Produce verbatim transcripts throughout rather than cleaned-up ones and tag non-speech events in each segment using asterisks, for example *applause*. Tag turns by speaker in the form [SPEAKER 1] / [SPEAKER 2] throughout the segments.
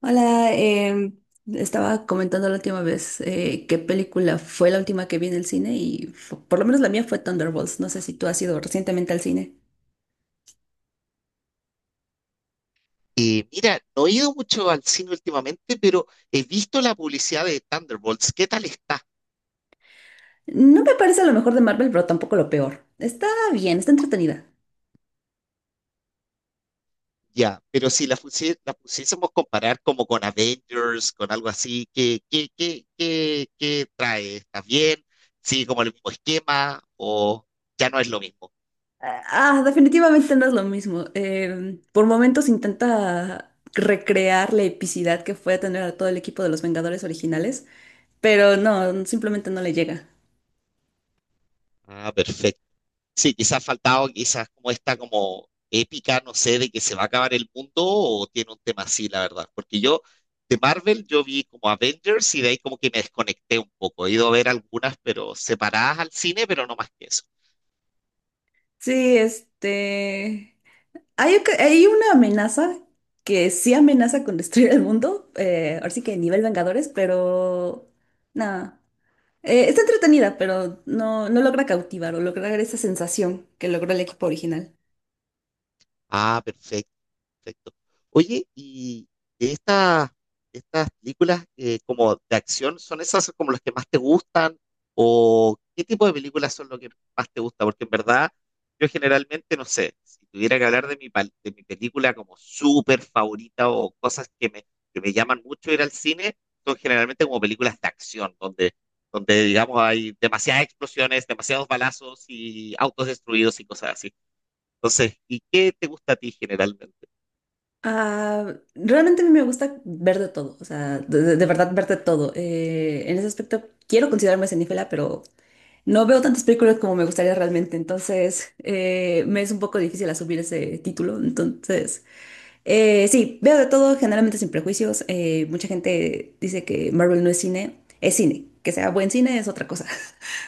[SPEAKER 1] Hola, em, Estaba comentando la última vez eh, qué película fue la última que vi en el cine y fu- por lo menos la mía fue Thunderbolts. No sé si tú has ido recientemente al cine.
[SPEAKER 2] Eh, mira, no he ido mucho al cine últimamente, pero he visto la publicidad de Thunderbolts. ¿Qué tal está?
[SPEAKER 1] No me parece lo mejor de Marvel, pero tampoco lo peor. Está bien, está entretenida.
[SPEAKER 2] Ya, pero si la, fusie- la pusiésemos comparar como con Avengers, con algo así, ¿qué, qué, qué, qué, qué trae? ¿Está bien? Sí, ¿como el mismo esquema o ya no es lo mismo?
[SPEAKER 1] Ah, ah, definitivamente no es lo mismo. Em, por momentos intenta recrear la epicidad que fue tener a todo el equipo de los Vengadores originales, pero no, simplemente no le llega.
[SPEAKER 2] Ah, perfecto. Sí, quizás ha faltado quizás como esta como épica, no sé, de que se va a acabar el mundo o tiene un tema así, la verdad. Porque yo de Marvel yo vi como Avengers y de ahí como que me desconecté un poco. He ido a ver algunas, pero separadas al cine, pero no más que eso.
[SPEAKER 1] Sí, este. Hay, oca- hay una amenaza que sí amenaza con destruir el mundo, eh, ahora sí que nivel Vengadores, pero nada. Eh, está entretenida, pero no, no logra cautivar o lograr esa sensación que logró el equipo original.
[SPEAKER 2] Ah, perfecto. Perfecto. Oye, y de estas, de estas películas eh, como de acción, ¿son esas como las que más te gustan? ¿O qué tipo de películas son lo que más te gusta? Porque en verdad, yo generalmente, no sé, si tuviera que hablar de mi, pal- de mi película como súper favorita o cosas que me, que me llaman mucho ir al cine, son generalmente como películas de acción, donde, donde digamos hay demasiadas explosiones, demasiados balazos y autos destruidos y cosas así. Entonces, ¿y qué te gusta a ti generalmente?
[SPEAKER 1] Ah, realmente a mí me gusta ver de todo, o sea, de, de- de verdad ver de todo. Eh, en ese aspecto quiero considerarme cinéfila, pero no veo tantas películas como me gustaría realmente, entonces eh, me es un poco difícil asumir ese título. Entonces, eh, sí, veo de todo, generalmente sin prejuicios. Eh, mucha gente dice que Marvel no es cine, es cine. Que sea buen cine es otra cosa.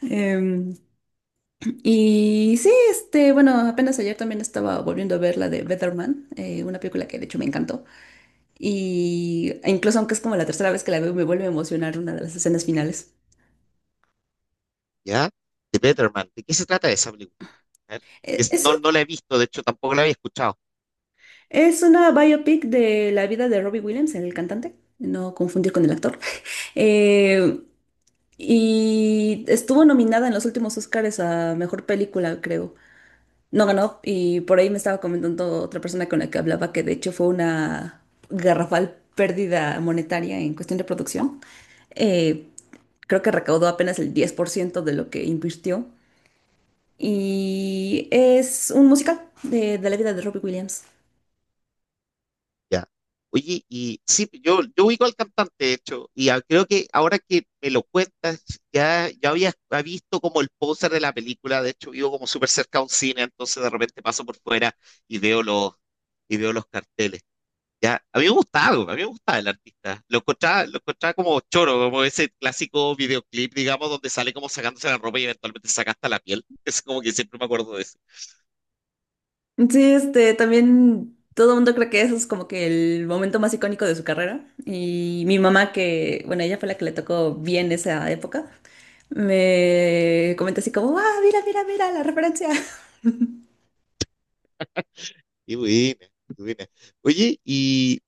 [SPEAKER 1] *laughs* Em, y sí, este, bueno, apenas ayer también estaba volviendo a ver la de Better Man, eh, una película que de hecho me encantó. Y incluso aunque es como la tercera vez que la veo, me vuelve a emocionar una de las escenas finales.
[SPEAKER 2] ¿Ya? The Better Man. ¿De qué se trata esa película? A ver,
[SPEAKER 1] Eh,
[SPEAKER 2] es-
[SPEAKER 1] Es
[SPEAKER 2] no,
[SPEAKER 1] una,
[SPEAKER 2] no la he visto, de hecho tampoco la había escuchado.
[SPEAKER 1] es una biopic de la vida de Robbie Williams, el cantante, no confundir con el actor. *laughs* Eh, y estuvo nominada en los últimos Oscars a mejor película, creo. No ganó, y por ahí me estaba comentando otra persona con la que hablaba que de hecho fue una garrafal pérdida monetaria en cuestión de producción. Eh, Creo que recaudó apenas el diez por ciento de lo que invirtió. Y es un musical de, de la vida de Robbie Williams.
[SPEAKER 2] ¿Ya? Oye, y sí, yo, yo ubico al cantante, de hecho, y a- creo que ahora que me lo cuentas, ya, ya había había visto como el póster de la película, de hecho vivo como súper cerca a un cine, entonces de repente paso por fuera y veo los, y veo los carteles. Ya, a mí me gustaba, a mí me gustaba el artista. Lo encontraba, lo encontraba como choro, como ese clásico videoclip, digamos, donde sale como sacándose la ropa y eventualmente se saca hasta la piel. *laughs* Es como que siempre me acuerdo de eso.
[SPEAKER 1] Sí, este, también todo el mundo cree que eso es como que el momento más icónico de su carrera. Y mi mamá, que, bueno, ella fue la que le tocó bien esa época, me comentó así como, ah, mira, mira, mira la referencia. *laughs*
[SPEAKER 2] Y buena, qué buena. Oye, y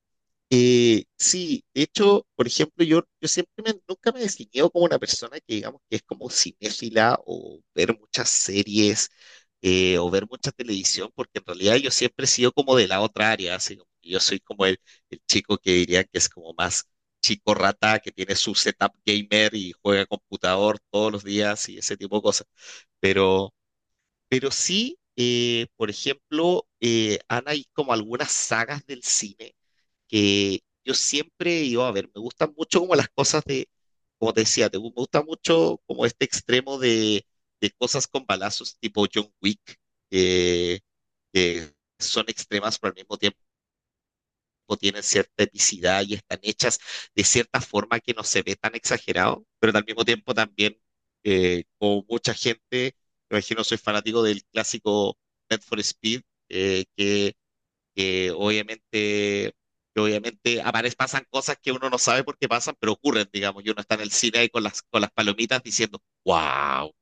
[SPEAKER 2] Eh, sí, de hecho, por ejemplo, yo, yo siempre me- nunca me he definido como una persona que digamos que es como cinéfila o ver muchas series eh, o ver mucha televisión, porque en realidad yo siempre he sido como de la otra área, así como que yo soy como el, el chico que diría que es como más chico rata, que tiene su setup gamer y juega computador todos los días y ese tipo de cosas. Pero, pero sí, eh, por ejemplo, eh, han hay como algunas sagas del cine que yo siempre iba a ver, me gustan mucho como las cosas de, como te decía, te- me gusta mucho como este extremo de, de cosas con balazos tipo John Wick, eh, que son extremas pero al mismo tiempo tienen cierta epicidad y están hechas de cierta forma que no se ve tan exagerado, pero al mismo tiempo también, eh, como mucha gente, me imagino soy fanático del clásico Need for Speed, eh, que que obviamente, que obviamente aparecen, pasan cosas que uno no sabe por qué pasan, pero ocurren, digamos, y uno está en el cine ahí con las, con las palomitas diciendo, wow.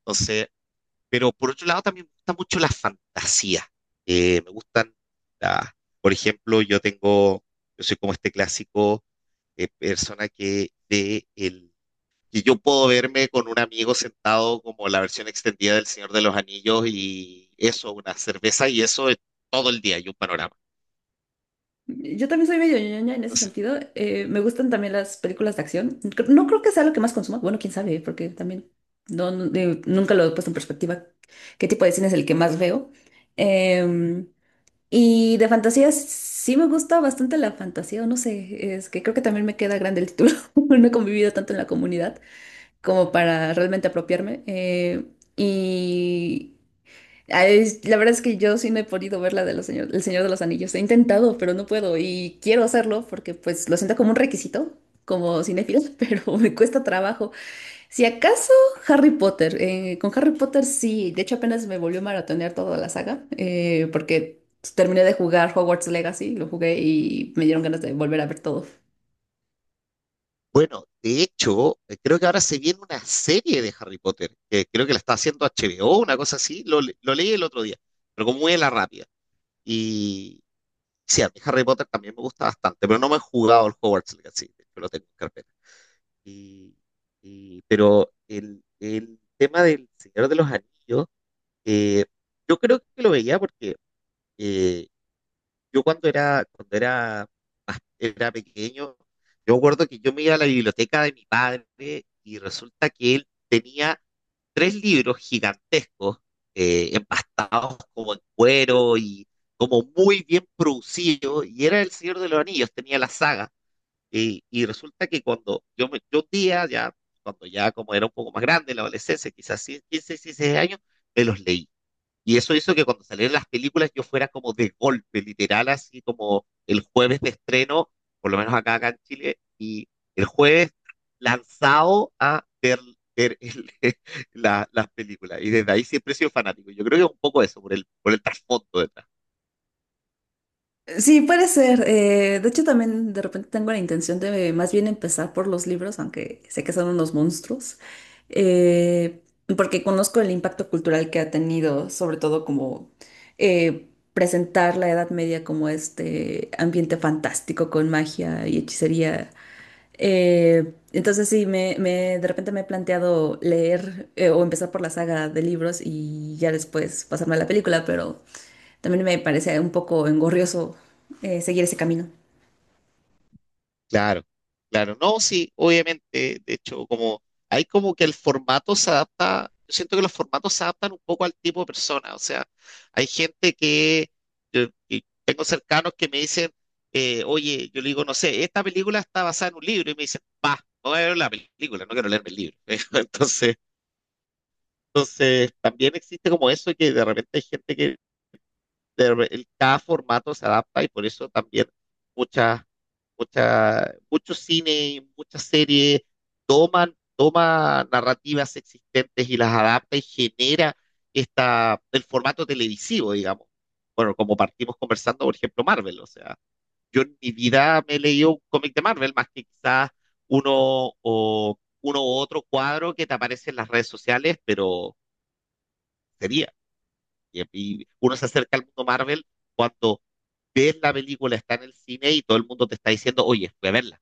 [SPEAKER 2] Entonces, pero por otro lado también me gusta mucho la fantasía. Eh, me gustan, la- por ejemplo, yo tengo, yo soy como este clásico eh, persona que de el que yo puedo verme con un amigo sentado como la versión extendida del Señor de los Anillos y eso, una cerveza y eso es todo el día y un panorama.
[SPEAKER 1] Yo también soy medio ñoña en ese sentido. Eh, me gustan también las películas de acción. Cre- No creo que sea lo que más consumo. Bueno, quién sabe, porque también no, no- de- nunca lo he puesto en perspectiva. ¿Qué tipo de cine es el que más veo? Em, y de fantasía sí me gusta bastante la fantasía, o no sé, es que creo que también me queda grande el título. *laughs* No he convivido tanto en la comunidad como para realmente apropiarme. Eh, y Ah, es- La verdad es que yo sí no he podido ver la de los señor, El Señor de los Anillos. He intentado, pero no puedo. Y quiero hacerlo porque pues lo siento como un requisito, como cinéfilo, *laughs* pero me cuesta trabajo. Si acaso Harry Potter, eh, con Harry Potter sí. De hecho apenas me volvió a maratonear toda la saga eh, porque terminé de jugar Hogwarts Legacy, lo jugué y me dieron ganas de volver a ver todo.
[SPEAKER 2] Bueno, de hecho, eh, creo que ahora se viene una serie de Harry Potter, que creo que la está haciendo H B O, una cosa así, lo, le- lo leí el otro día, pero como muy a la rápida. Y sí, a mí Harry Potter también me gusta bastante, pero no me he jugado el Hogwarts Legacy, de hecho lo tengo en carpeta. Y, y- pero el, el tema del Señor de los Anillos, eh, yo creo que lo veía porque eh, yo cuando era, cuando era más, era pequeño, yo me acuerdo que yo me iba a la biblioteca de mi padre y resulta que él tenía tres libros gigantescos, eh, empastados como en cuero y como muy bien producidos, y era El Señor de los Anillos, tenía la saga. Y, y resulta que cuando yo, me, yo un día, ya, cuando ya como era un poco más grande, en la adolescencia, quizás quince, dieciséis años, me los leí. Y eso hizo que cuando salieran las películas yo fuera como de golpe, literal, así como el jueves de estreno, por lo menos acá, acá en Chile, y el jueves lanzado a ver, ver el- *laughs* la- las películas. Y desde ahí siempre he sido fanático. Yo creo que es un poco eso, por el, por el trasfondo detrás.
[SPEAKER 1] Sí, puede ser. Eh, de hecho, también de repente tengo la intención de más bien empezar por los libros, aunque sé que son unos monstruos, eh, porque conozco el impacto cultural que ha tenido, sobre todo como eh, presentar la Edad Media como este ambiente fantástico con magia y hechicería. Eh, entonces sí, me, me- de repente me he planteado leer eh, o empezar por la saga de libros y ya después pasarme a la película, pero... También me parece un poco engorrioso eh, seguir ese camino.
[SPEAKER 2] Claro, claro. No, sí, obviamente. De hecho, como hay como que el formato se adapta, yo siento que los formatos se adaptan un poco al tipo de persona. O sea, hay gente que, yo- y tengo cercanos que me dicen, eh, oye, yo le digo, no sé, esta película está basada en un libro y me dicen, va, no voy a ver la película, no quiero leerme el libro. *laughs* Entonces, entonces también existe como eso que de repente hay gente que de re- el- cada formato se adapta y por eso también... muchas mucha, mucho cine, muchas series toman, toma narrativas existentes y las adapta y genera esta, el formato televisivo, digamos. Bueno, como partimos conversando, por ejemplo, Marvel, o sea, yo en mi vida me he leído un cómic de Marvel, más que quizás uno o uno u otro cuadro que te aparece en las redes sociales, pero sería. Y, y uno se acerca al mundo Marvel cuando ves la película, está en el cine y todo el mundo te está diciendo, oye, fui a verla.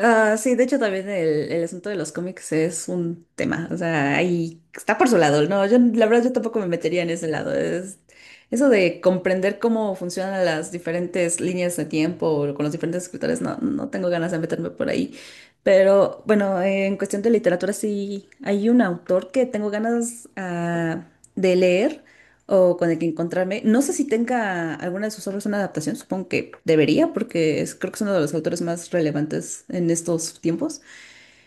[SPEAKER 1] Ah, sí, de hecho también el, el asunto de los cómics es un tema, o sea, ahí está por su lado, no, yo la verdad yo tampoco me metería en ese lado, es eso de comprender cómo funcionan las diferentes líneas de tiempo o con los diferentes escritores, no, no tengo ganas de meterme por ahí, pero bueno, en cuestión de literatura sí hay un autor que tengo ganas ah, de leer, o con el que encontrarme. No sé si tenga alguna de sus obras una adaptación, supongo que debería, porque es, creo que es uno de los autores más relevantes en estos tiempos.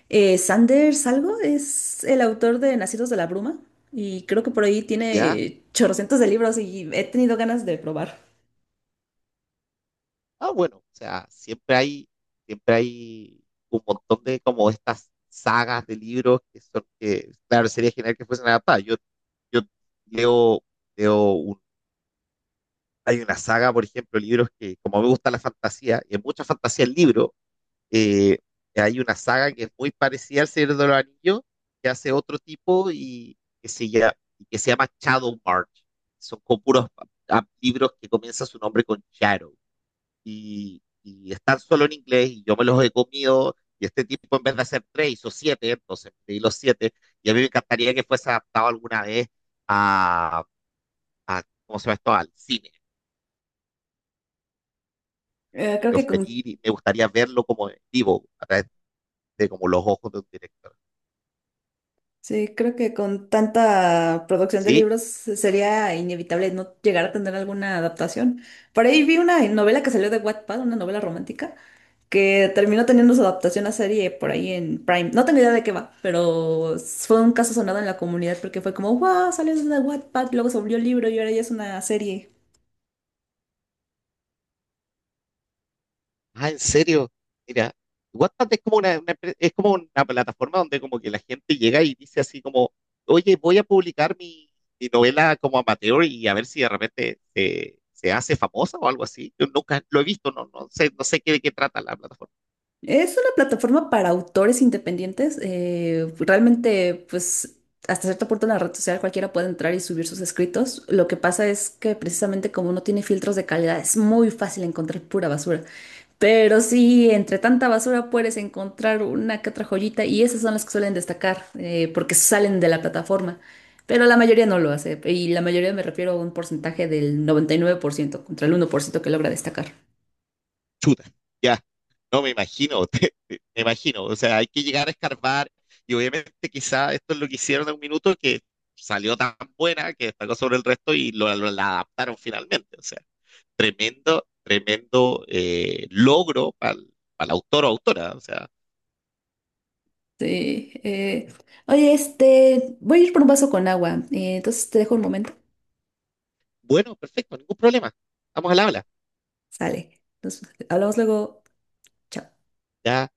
[SPEAKER 1] Eh, Sanders algo es el autor de Nacidos de la Bruma y creo que por ahí
[SPEAKER 2] ¿Ya?
[SPEAKER 1] tiene chorrocientos de libros y he tenido ganas de probar.
[SPEAKER 2] Ah, bueno, o sea, siempre hay, siempre hay un montón de como estas sagas de libros que son que, claro, sería genial que fuesen adaptadas. Yo, yo leo, leo un- hay una saga, por ejemplo, libros que, como me gusta la fantasía, y hay mucha fantasía en libro, eh, hay una saga que es muy parecida al Señor de los Anillos, que hace otro tipo y que se llama, que se llama Shadow March. Son con puros ah, libros que comienza su nombre con Shadow y, y están solo en inglés y yo me los he comido y este tipo en vez de hacer tres hizo siete, entonces pedí los siete y a mí me encantaría que fuese adaptado alguna vez a, a ¿cómo se llama esto? Al cine.
[SPEAKER 1] Eh, creo
[SPEAKER 2] Yo
[SPEAKER 1] que con,
[SPEAKER 2] feliz y me gustaría verlo como en vivo, a través de como los ojos de un director.
[SPEAKER 1] sí, creo que con tanta producción de
[SPEAKER 2] ¿Sí?
[SPEAKER 1] libros sería inevitable no llegar a tener alguna adaptación. Por ahí vi una novela que salió de Wattpad, una novela romántica que terminó teniendo su adaptación a serie por ahí en Prime. No tengo idea de qué va, pero fue un caso sonado en la comunidad porque fue como, wow, salió de Wattpad, luego se volvió libro y ahora ya es una serie.
[SPEAKER 2] Ah, ¿en serio? Mira, WhatsApp es como una, una empre- es como una plataforma donde como que la gente llega y dice así como, oye, voy a publicar mi, mi novela como amateur y a ver si de repente se, se hace famosa o algo así. Yo nunca lo he visto, no, no sé, no sé qué, de qué trata la plataforma.
[SPEAKER 1] Es una plataforma para autores independientes. Eh, realmente, pues, hasta cierto punto en la red social cualquiera puede entrar y subir sus escritos. Lo que pasa es que precisamente como no tiene filtros de calidad, es muy fácil encontrar pura basura. Pero sí, entre tanta basura puedes encontrar una que otra joyita y esas son las que suelen destacar eh, porque salen de la plataforma. Pero la mayoría no lo hace y la mayoría me refiero a un porcentaje del noventa y nueve por ciento contra el uno por ciento que logra destacar.
[SPEAKER 2] Chuta, ya, no me imagino, *laughs* te- te- me imagino. O sea, hay que llegar a escarbar y obviamente quizá esto es lo que hicieron en un minuto que salió tan buena que destacó sobre el resto y lo, lo- la adaptaron finalmente. O sea, tremendo, tremendo eh, logro para el, para el autor o autora. O sea,
[SPEAKER 1] Sí, eh, oye, este, voy a ir por un vaso con agua. Eh, entonces te dejo un momento.
[SPEAKER 2] bueno, perfecto, ningún problema. Estamos al habla.
[SPEAKER 1] Sale. Nos hablamos luego. Chao.
[SPEAKER 2] Ya.